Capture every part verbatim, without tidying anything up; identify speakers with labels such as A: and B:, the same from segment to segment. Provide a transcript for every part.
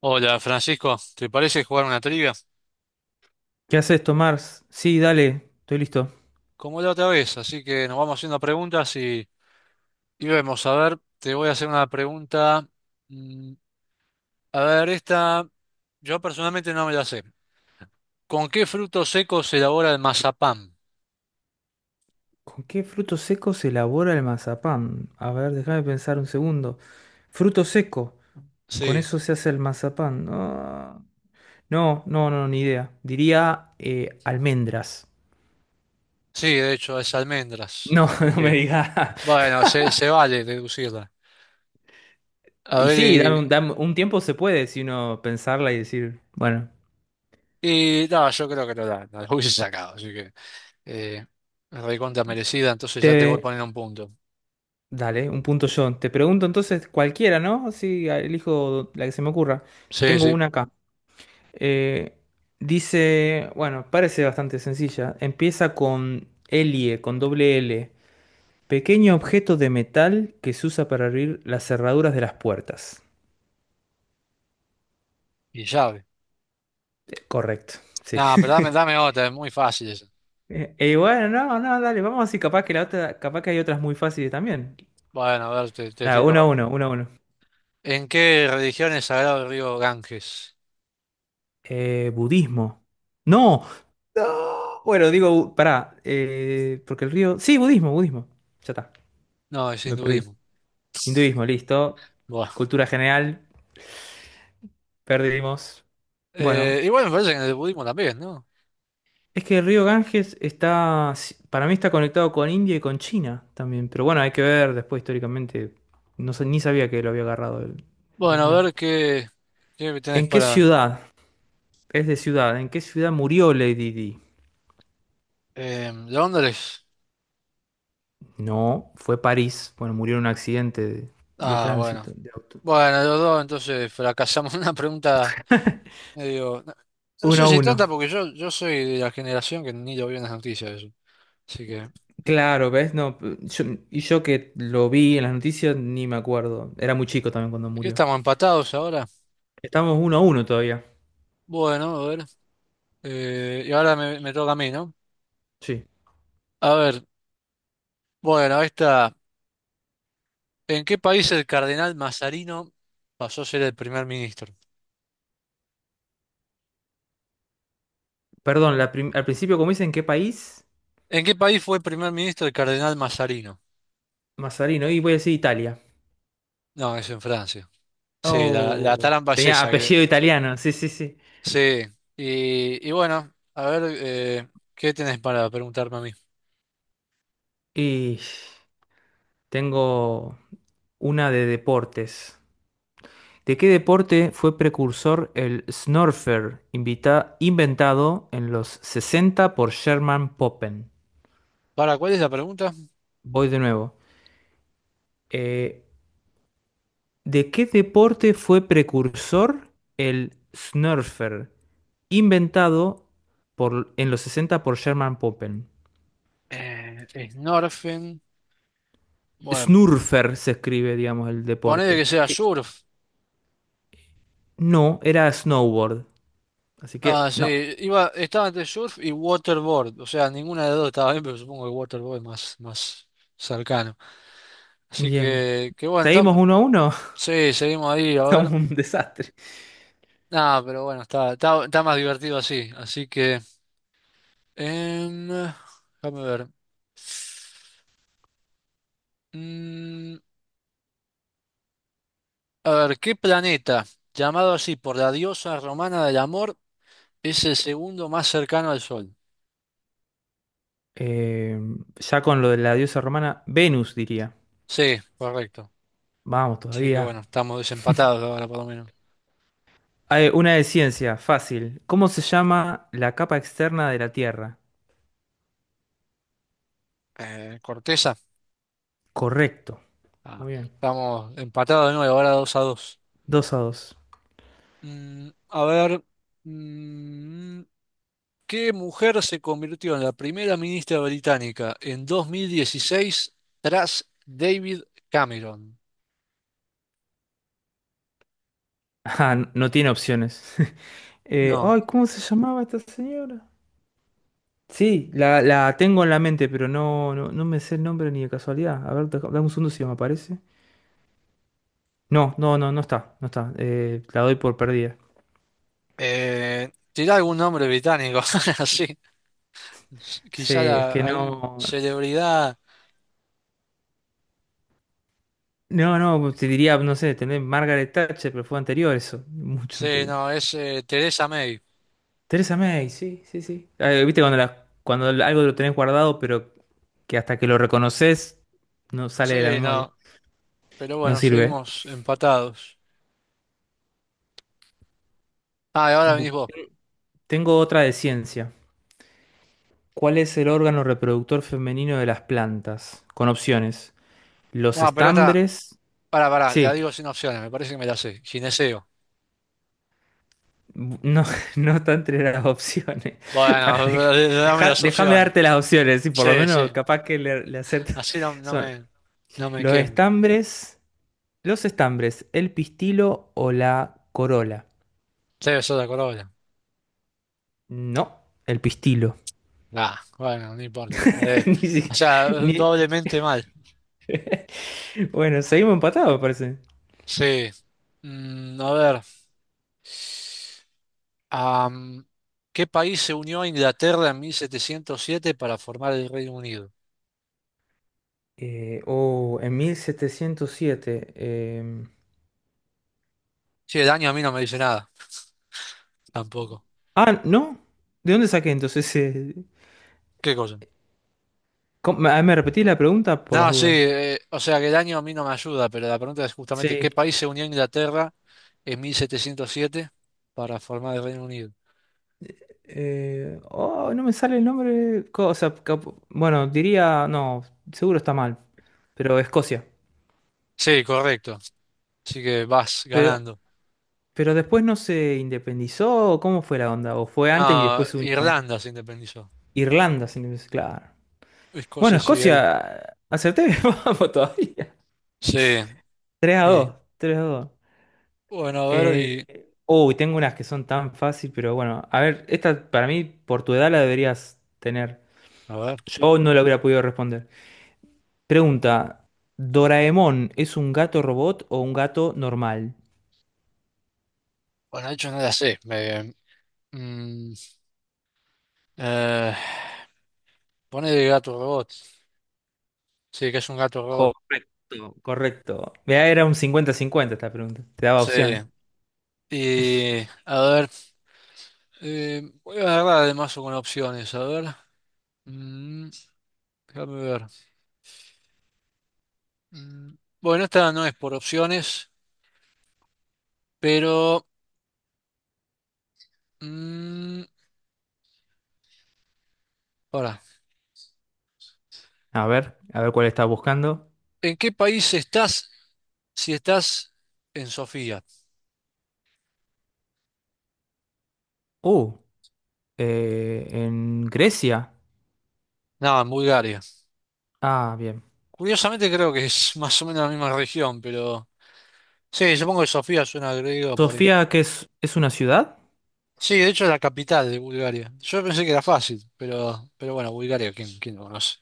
A: Hola Francisco, ¿te parece jugar una trivia?
B: ¿Qué haces, Tomás? Sí, dale, estoy listo.
A: Como la otra vez, así que nos vamos haciendo preguntas y, y vemos. A ver, te voy a hacer una pregunta. mm, A ver, esta yo personalmente no me la sé. ¿Con qué frutos secos se elabora el mazapán?
B: ¿Con qué fruto seco se elabora el mazapán? A ver, déjame pensar un segundo. Fruto seco, con
A: Sí,
B: eso se hace el mazapán. Ah, no, no, no, ni idea. Diría eh, almendras.
A: sí, de hecho es almendras.
B: No,
A: Así
B: no me
A: que
B: digas.
A: bueno, se, se vale deducirla. A
B: Y
A: ver,
B: sí, dame
A: y,
B: un, dame un tiempo se puede si uno pensarla y decir, bueno,
A: y no, yo creo que no la, no la hubiese sacado, así que eh, recontra merecida, entonces ya te voy
B: te...
A: poniendo un punto.
B: Dale, un punto yo. Te pregunto entonces cualquiera, ¿no? Así elijo la que se me ocurra.
A: Sí,
B: Tengo
A: sí,
B: una acá. Eh, dice, bueno, parece bastante sencilla. Empieza con L I E, con doble L. Pequeño objeto de metal que se usa para abrir las cerraduras de las puertas.
A: y llave.
B: Correcto, sí.
A: No, pero dame, dame otra, es muy fácil esa.
B: Eh, Y bueno, no, no, dale, vamos así, capaz que la otra, capaz que hay otras muy fáciles también.
A: Bueno, a ver, te, te
B: Nada,
A: tiro.
B: uno a uno, uno a uno.
A: ¿En qué religión es sagrado el río Ganges?
B: Eh, budismo. No. No. Bueno, digo, bu- pará, eh, porque el río... Sí, budismo, budismo. Ya está,
A: No, es
B: me perdí.
A: hinduismo.
B: Hinduismo, listo.
A: Bueno.
B: Cultura general. Perdimos.
A: Eh,
B: Bueno,
A: igual me parece que en el budismo también, ¿no?
B: es que el río Ganges está, si- para mí está conectado con India y con China también, pero bueno, hay que ver después históricamente, no sé, ni sabía que lo había agarrado el, el
A: Bueno, a
B: Islam.
A: ver qué, qué tenés
B: ¿En qué
A: para...
B: ciudad? Es de ciudad, ¿en qué ciudad murió Lady Di?
A: eh, ¿Londres?
B: No, fue París, bueno, murió en un accidente de, de
A: Ah, bueno.
B: tránsito, de auto.
A: Bueno, los dos entonces fracasamos una pregunta medio... No, no
B: Uno
A: sé
B: a
A: si
B: uno.
A: tonta porque yo, yo soy de la generación que ni lo vio en las noticias eso. Así que...
B: Claro, ¿ves? No, yo- Y yo que lo vi en las noticias ni me acuerdo, era muy chico también cuando
A: ¿Qué
B: murió.
A: estamos empatados ahora?
B: Estamos uno a uno todavía.
A: Bueno, a ver. Eh, y ahora me, me toca a mí, ¿no?
B: Sí.
A: A ver. Bueno, esta. ¿En qué país el cardenal Mazarino pasó a ser el primer ministro?
B: Perdón, la prim- al principio como dicen, ¿qué país?
A: ¿En qué país fue primer ministro el cardenal Mazarino?
B: Mazarino, y voy a decir Italia.
A: No, es en Francia. Sí, la, la
B: Oh,
A: tarampa es
B: tenía
A: esa. Que,
B: apellido italiano, sí, sí, sí.
A: sí. Y, y bueno, a ver, eh, ¿qué tenés para preguntarme a mí?
B: Y tengo una de deportes. ¿De qué deporte fue precursor el snurfer invita- inventado en los sesenta por Sherman Poppen?
A: ¿Para cuál es la pregunta?
B: Voy de nuevo. Eh, ¿de qué deporte fue precursor el snurfer inventado por- en los sesenta por Sherman Poppen?
A: Eh, Snorfen. Bueno,
B: Snurfer se escribe, digamos, el
A: ponele que
B: deporte.
A: sea
B: Que
A: surf.
B: no, era snowboard. Así
A: Ah,
B: que
A: sí.
B: no.
A: Iba, estaba entre surf y waterboard. O sea, ninguna de las dos estaba bien, pero supongo que waterboard es más, más cercano. Así
B: Bien.
A: que, que bueno, está-
B: Seguimos uno a uno.
A: sí, seguimos ahí, a
B: Somos
A: ver.
B: un desastre.
A: Nada, pero bueno, está, está, está más divertido así. Así que, em, déjame ver. Mm, a ver, ¿qué planeta, llamado así por la diosa romana del amor, es el segundo más cercano al Sol?
B: Eh, ya con lo de la diosa romana, Venus diría.
A: Sí, correcto.
B: Vamos
A: Así que
B: todavía.
A: bueno, estamos desempatados ahora por lo menos.
B: Ah, eh, una de ciencia, fácil. ¿Cómo se llama la capa externa de la Tierra?
A: Eh, Corteza,
B: Correcto.
A: ah,
B: Muy bien.
A: estamos empatados de nuevo, ahora dos a dos.
B: Dos a dos.
A: A ver, mm, ¿qué mujer se convirtió en la primera ministra británica en dos mil dieciséis tras David Cameron?
B: Ah, no tiene opciones. Eh,
A: No.
B: ay, ¿cómo se llamaba esta señora? Sí, la, la tengo en la mente, pero no, no, no me sé el nombre ni de casualidad. A ver, deja- dame un segundo si me aparece. No, no, no, no está, no está. Eh, la doy por perdida.
A: Eh, ¿tiene algún nombre británico? Así.
B: Sí,
A: Quizá
B: es
A: la-
B: que
A: algún
B: no.
A: celebridad.
B: No, no, te diría, no sé, tener Margaret Thatcher, pero fue anterior eso, mucho
A: Sí,
B: anterior.
A: no, es eh, Teresa May.
B: Teresa May, sí, sí, sí. Eh, viste cuando, la- cuando algo lo tenés guardado, pero que hasta que lo reconoces no sale de la
A: Sí,
B: memoria.
A: no. Pero
B: No
A: bueno,
B: sirve. ¿Eh?
A: seguimos empatados. Ah, y ahora
B: Bu-
A: venís vos.
B: Tengo otra de ciencia. ¿Cuál es el órgano reproductor femenino de las plantas? Con opciones. Los
A: No, pero esta.
B: estambres.
A: Pará, pará, la
B: Sí,
A: digo sin opciones, me parece que me la sé. Gineceo.
B: bu- no, no está entre las opciones. Para,
A: Bueno,
B: deja-
A: dame
B: deja-
A: las
B: déjame
A: opciones.
B: darte las opciones, y por lo
A: Sí, sí.
B: menos capaz que le, le acierta.
A: Así no, no
B: Son
A: me, no me
B: los
A: quemo.
B: estambres, los estambres, el pistilo o la corola.
A: Debe ser de corona.
B: No, el pistilo.
A: Ah, bueno, no importa. Eh,
B: Ni, si-
A: o sea,
B: ni-
A: doblemente mal.
B: Bueno, seguimos empatados, parece.
A: Sí. Mm, a ver. Am, ¿qué país se unió a Inglaterra en mil setecientos siete para formar el Reino Unido?
B: Eh, oh, en mil setecientos siete. em,
A: Sí, el año a mí no me dice nada, tampoco.
B: Ah, ¿no? ¿De dónde saqué entonces? eh,
A: ¿Qué cosa?
B: ¿cómo- ¿Me me repetí la pregunta por las
A: No, sí,
B: dudas?
A: eh, o sea que el año a mí no me ayuda, pero la pregunta es justamente,
B: Sí.
A: ¿qué país se unió a Inglaterra en mil setecientos siete para formar el Reino Unido?
B: Eh, oh, no me sale el nombre. co- O sea, cap- bueno, diría, no, seguro está mal, pero Escocia.
A: Sí, correcto. Así que vas
B: Pero,
A: ganando.
B: pero después no se independizó, ¿cómo fue la onda? ¿O fue antes y
A: No,
B: después se unió?
A: Irlanda se independizó.
B: Irlanda, se independizó, claro. Bueno,
A: Escocia sí hay.
B: Escocia, acerté, vamos todavía.
A: Sí.
B: tres a dos.
A: Y
B: Tres a dos.
A: bueno, a ver, y.
B: Eh, uy, tengo unas que son tan fácil, pero bueno, a ver, esta para mí, por tu edad la deberías tener.
A: A ver.
B: Yo no la hubiera podido responder. Pregunta, ¿Doraemon es un gato robot o un gato normal?
A: Bueno, de hecho no la sé. Me, mm, eh, pone de gato robot. Sí, que es un gato robot.
B: Correcto, correcto. Mirá, era un cincuenta-cincuenta esta pregunta, te daba
A: Sí.
B: opciones.
A: Y a ver, eh, voy a agarrar además con opciones. A ver. Mm, déjame ver. Mm, bueno, esta no es por opciones, pero. mm, ahora,
B: A ver, a ver cuál estás buscando.
A: ¿en qué país estás si estás en Sofía?
B: Uh, eh, en Grecia.
A: No, en Bulgaria.
B: Ah, bien.
A: Curiosamente creo que es más o menos la misma región, pero sí, supongo que Sofía suena al griego por eso.
B: ¿Sofía, que es, es una ciudad?
A: Sí, de hecho es la capital de Bulgaria. Yo pensé que era fácil, pero, pero bueno, Bulgaria, ¿quién, quién lo conoce?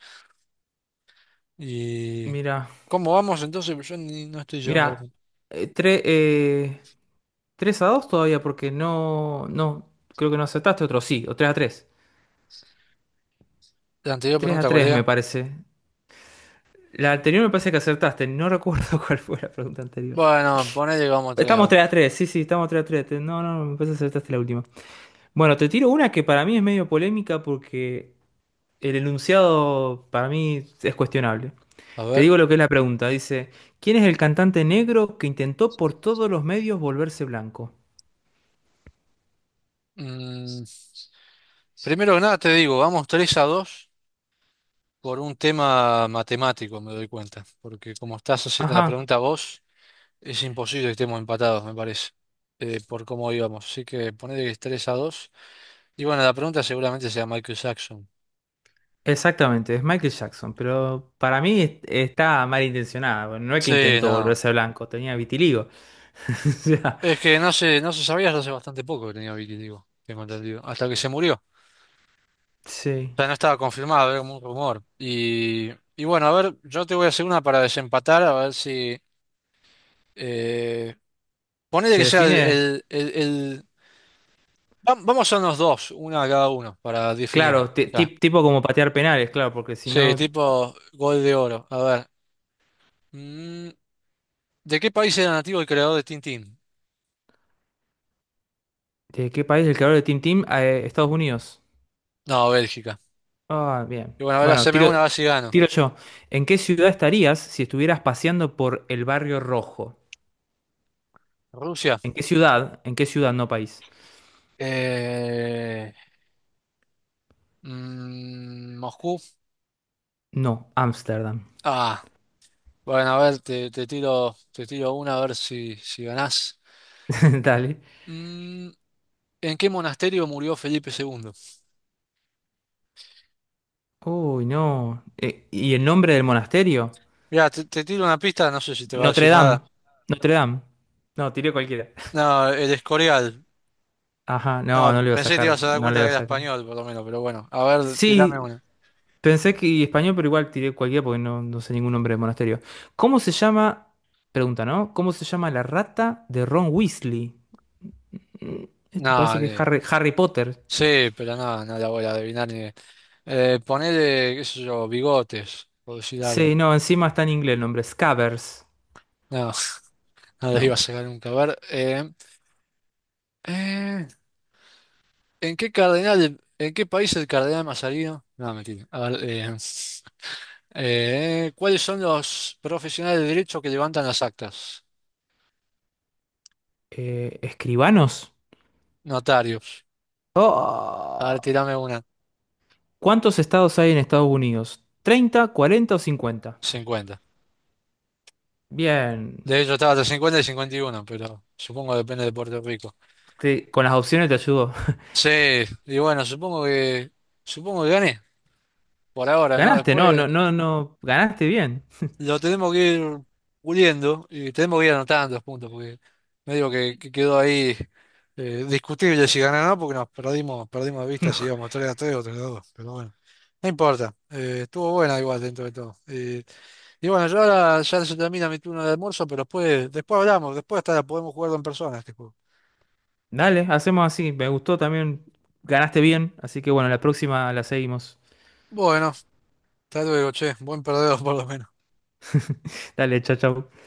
A: ¿Y
B: Mira,
A: cómo vamos entonces? Yo ni- no estoy llevando
B: Mira,
A: la,
B: eh, tre- eh, tres a dos todavía, porque no, no, creo que no acertaste otro, sí, o tres a tres
A: la anterior
B: tres a
A: pregunta, ¿cuál
B: tres me
A: era?
B: parece. La anterior me parece que acertaste, no recuerdo cuál fue la pregunta anterior.
A: Bueno, ponele que vamos tres a
B: Estamos
A: dos.
B: tres a tres sí, sí, estamos tres a tres Te- No, no, me parece que acertaste la última. Bueno, te tiro una que para mí es medio polémica porque el enunciado para mí es cuestionable.
A: A
B: Te
A: ver,
B: digo lo que es la pregunta, dice, ¿quién es el cantante negro que intentó por todos los medios volverse blanco?
A: mm, primero que nada te digo, vamos tres a dos por un tema matemático, me doy cuenta, porque como estás haciendo la
B: Ajá.
A: pregunta vos... Es imposible que estemos empatados, me parece, eh, por cómo íbamos. Así que ponele que es tres a dos. Y bueno, la pregunta seguramente sea Michael Jackson.
B: Exactamente, es Michael Jackson, pero para mí es- está mal intencionada. Bueno, no es que
A: Sí,
B: intentó
A: no.
B: volverse blanco, tenía vitiligo. O sea,
A: Es que no se, no se sabía hasta hace bastante poco que tenía vitiligo, tengo entendido. Hasta que se murió. O
B: sí,
A: sea, no estaba confirmado, era como un rumor. Y, y bueno, a ver, yo te voy a hacer una para desempatar, a ver si... Eh, ponele
B: se
A: que sea el...
B: define,
A: el- el- el- va- Vamos a unos dos, una a cada uno, para definir.
B: claro, ti-
A: Ya.
B: ti- tipo como patear penales, claro, porque si
A: Sí,
B: no,
A: tipo gol de oro. A ver. Mm, ¿de qué país era nativo el creador de Tintín?
B: ¿de qué país es el creador de Team Team? Ah, Eh, Estados Unidos.
A: No, Bélgica.
B: Ah, bien.
A: Y bueno, ahora
B: Bueno,
A: haceme
B: tiro,
A: una, a ver si gano.
B: tiro yo. ¿En qué ciudad estarías si estuvieras paseando por el barrio rojo?
A: Rusia.
B: ¿En qué ciudad? ¿En qué ciudad, no país?
A: Eh, mm, Moscú.
B: No, Ámsterdam.
A: Ah, bueno, a ver, te, te tiro, te tiro una a ver si, si ganás.
B: Dale.
A: Mm, ¿en qué monasterio murió Felipe segundo?
B: Uy, no. Eh, ¿y el nombre del monasterio?
A: Mira, te, te tiro una pista, no sé si te va a
B: Notre
A: decir
B: Dame.
A: nada.
B: Notre Dame. No, tiré cualquiera.
A: No, el Escorial.
B: Ajá, no, no
A: No,
B: le iba a
A: pensé que te ibas
B: sacar,
A: a dar
B: no le
A: cuenta
B: iba
A: que
B: a
A: era
B: sacar.
A: español, por lo menos, pero bueno. A ver, tirame
B: Sí,
A: una.
B: pensé que español, pero igual tiré cualquiera porque no, no sé ningún nombre de monasterio. ¿Cómo se llama? Pregunta, ¿no? ¿Cómo se llama la rata de Ron Weasley? Mm, esto
A: No,
B: parece que es
A: ni-
B: Harry, Harry Potter.
A: sí, pero no, no la voy a adivinar ni. Eh, ponele, qué sé yo, bigotes, por decir algo.
B: Sí, no, encima está en inglés el nombre. Scabbers.
A: No, no les iba a
B: No.
A: sacar nunca. A ver, eh, eh, ¿en qué cardenal, en qué país el cardenal Mazarino? No, mentira. A ver, eh, eh, ¿cuáles son los profesionales de derecho que levantan las actas?
B: Eh, ¿escribanos?
A: Notarios. A ver,
B: Oh.
A: tirame una.
B: ¿Cuántos estados hay en Estados Unidos? Treinta, cuarenta o cincuenta.
A: cincuenta.
B: Bien.
A: De hecho, estaba hasta cincuenta y cincuenta y uno, pero supongo que depende de Puerto Rico.
B: Te- con las opciones te ayudo.
A: Sí, y bueno, supongo que, supongo que gané, por ahora, ¿no?
B: Ganaste, no,
A: Después.
B: no, no, no. Ganaste bien.
A: Lo tenemos que ir puliendo y tenemos que ir anotando los puntos, porque medio que, que quedó ahí eh, discutible si ganar o no, porque nos perdimos, perdimos de vista si íbamos tres a tres o tres a dos pero bueno, no importa, eh, estuvo buena igual dentro de todo. Eh, y bueno, yo ahora ya se termina mi turno de almuerzo, pero después, después hablamos, después hasta podemos jugarlo en persona este juego.
B: Dale, hacemos así. Me gustó también. Ganaste bien. Así que bueno, la próxima la seguimos.
A: Bueno, hasta luego, che, buen perdedor por lo menos.
B: Dale, chao, chao.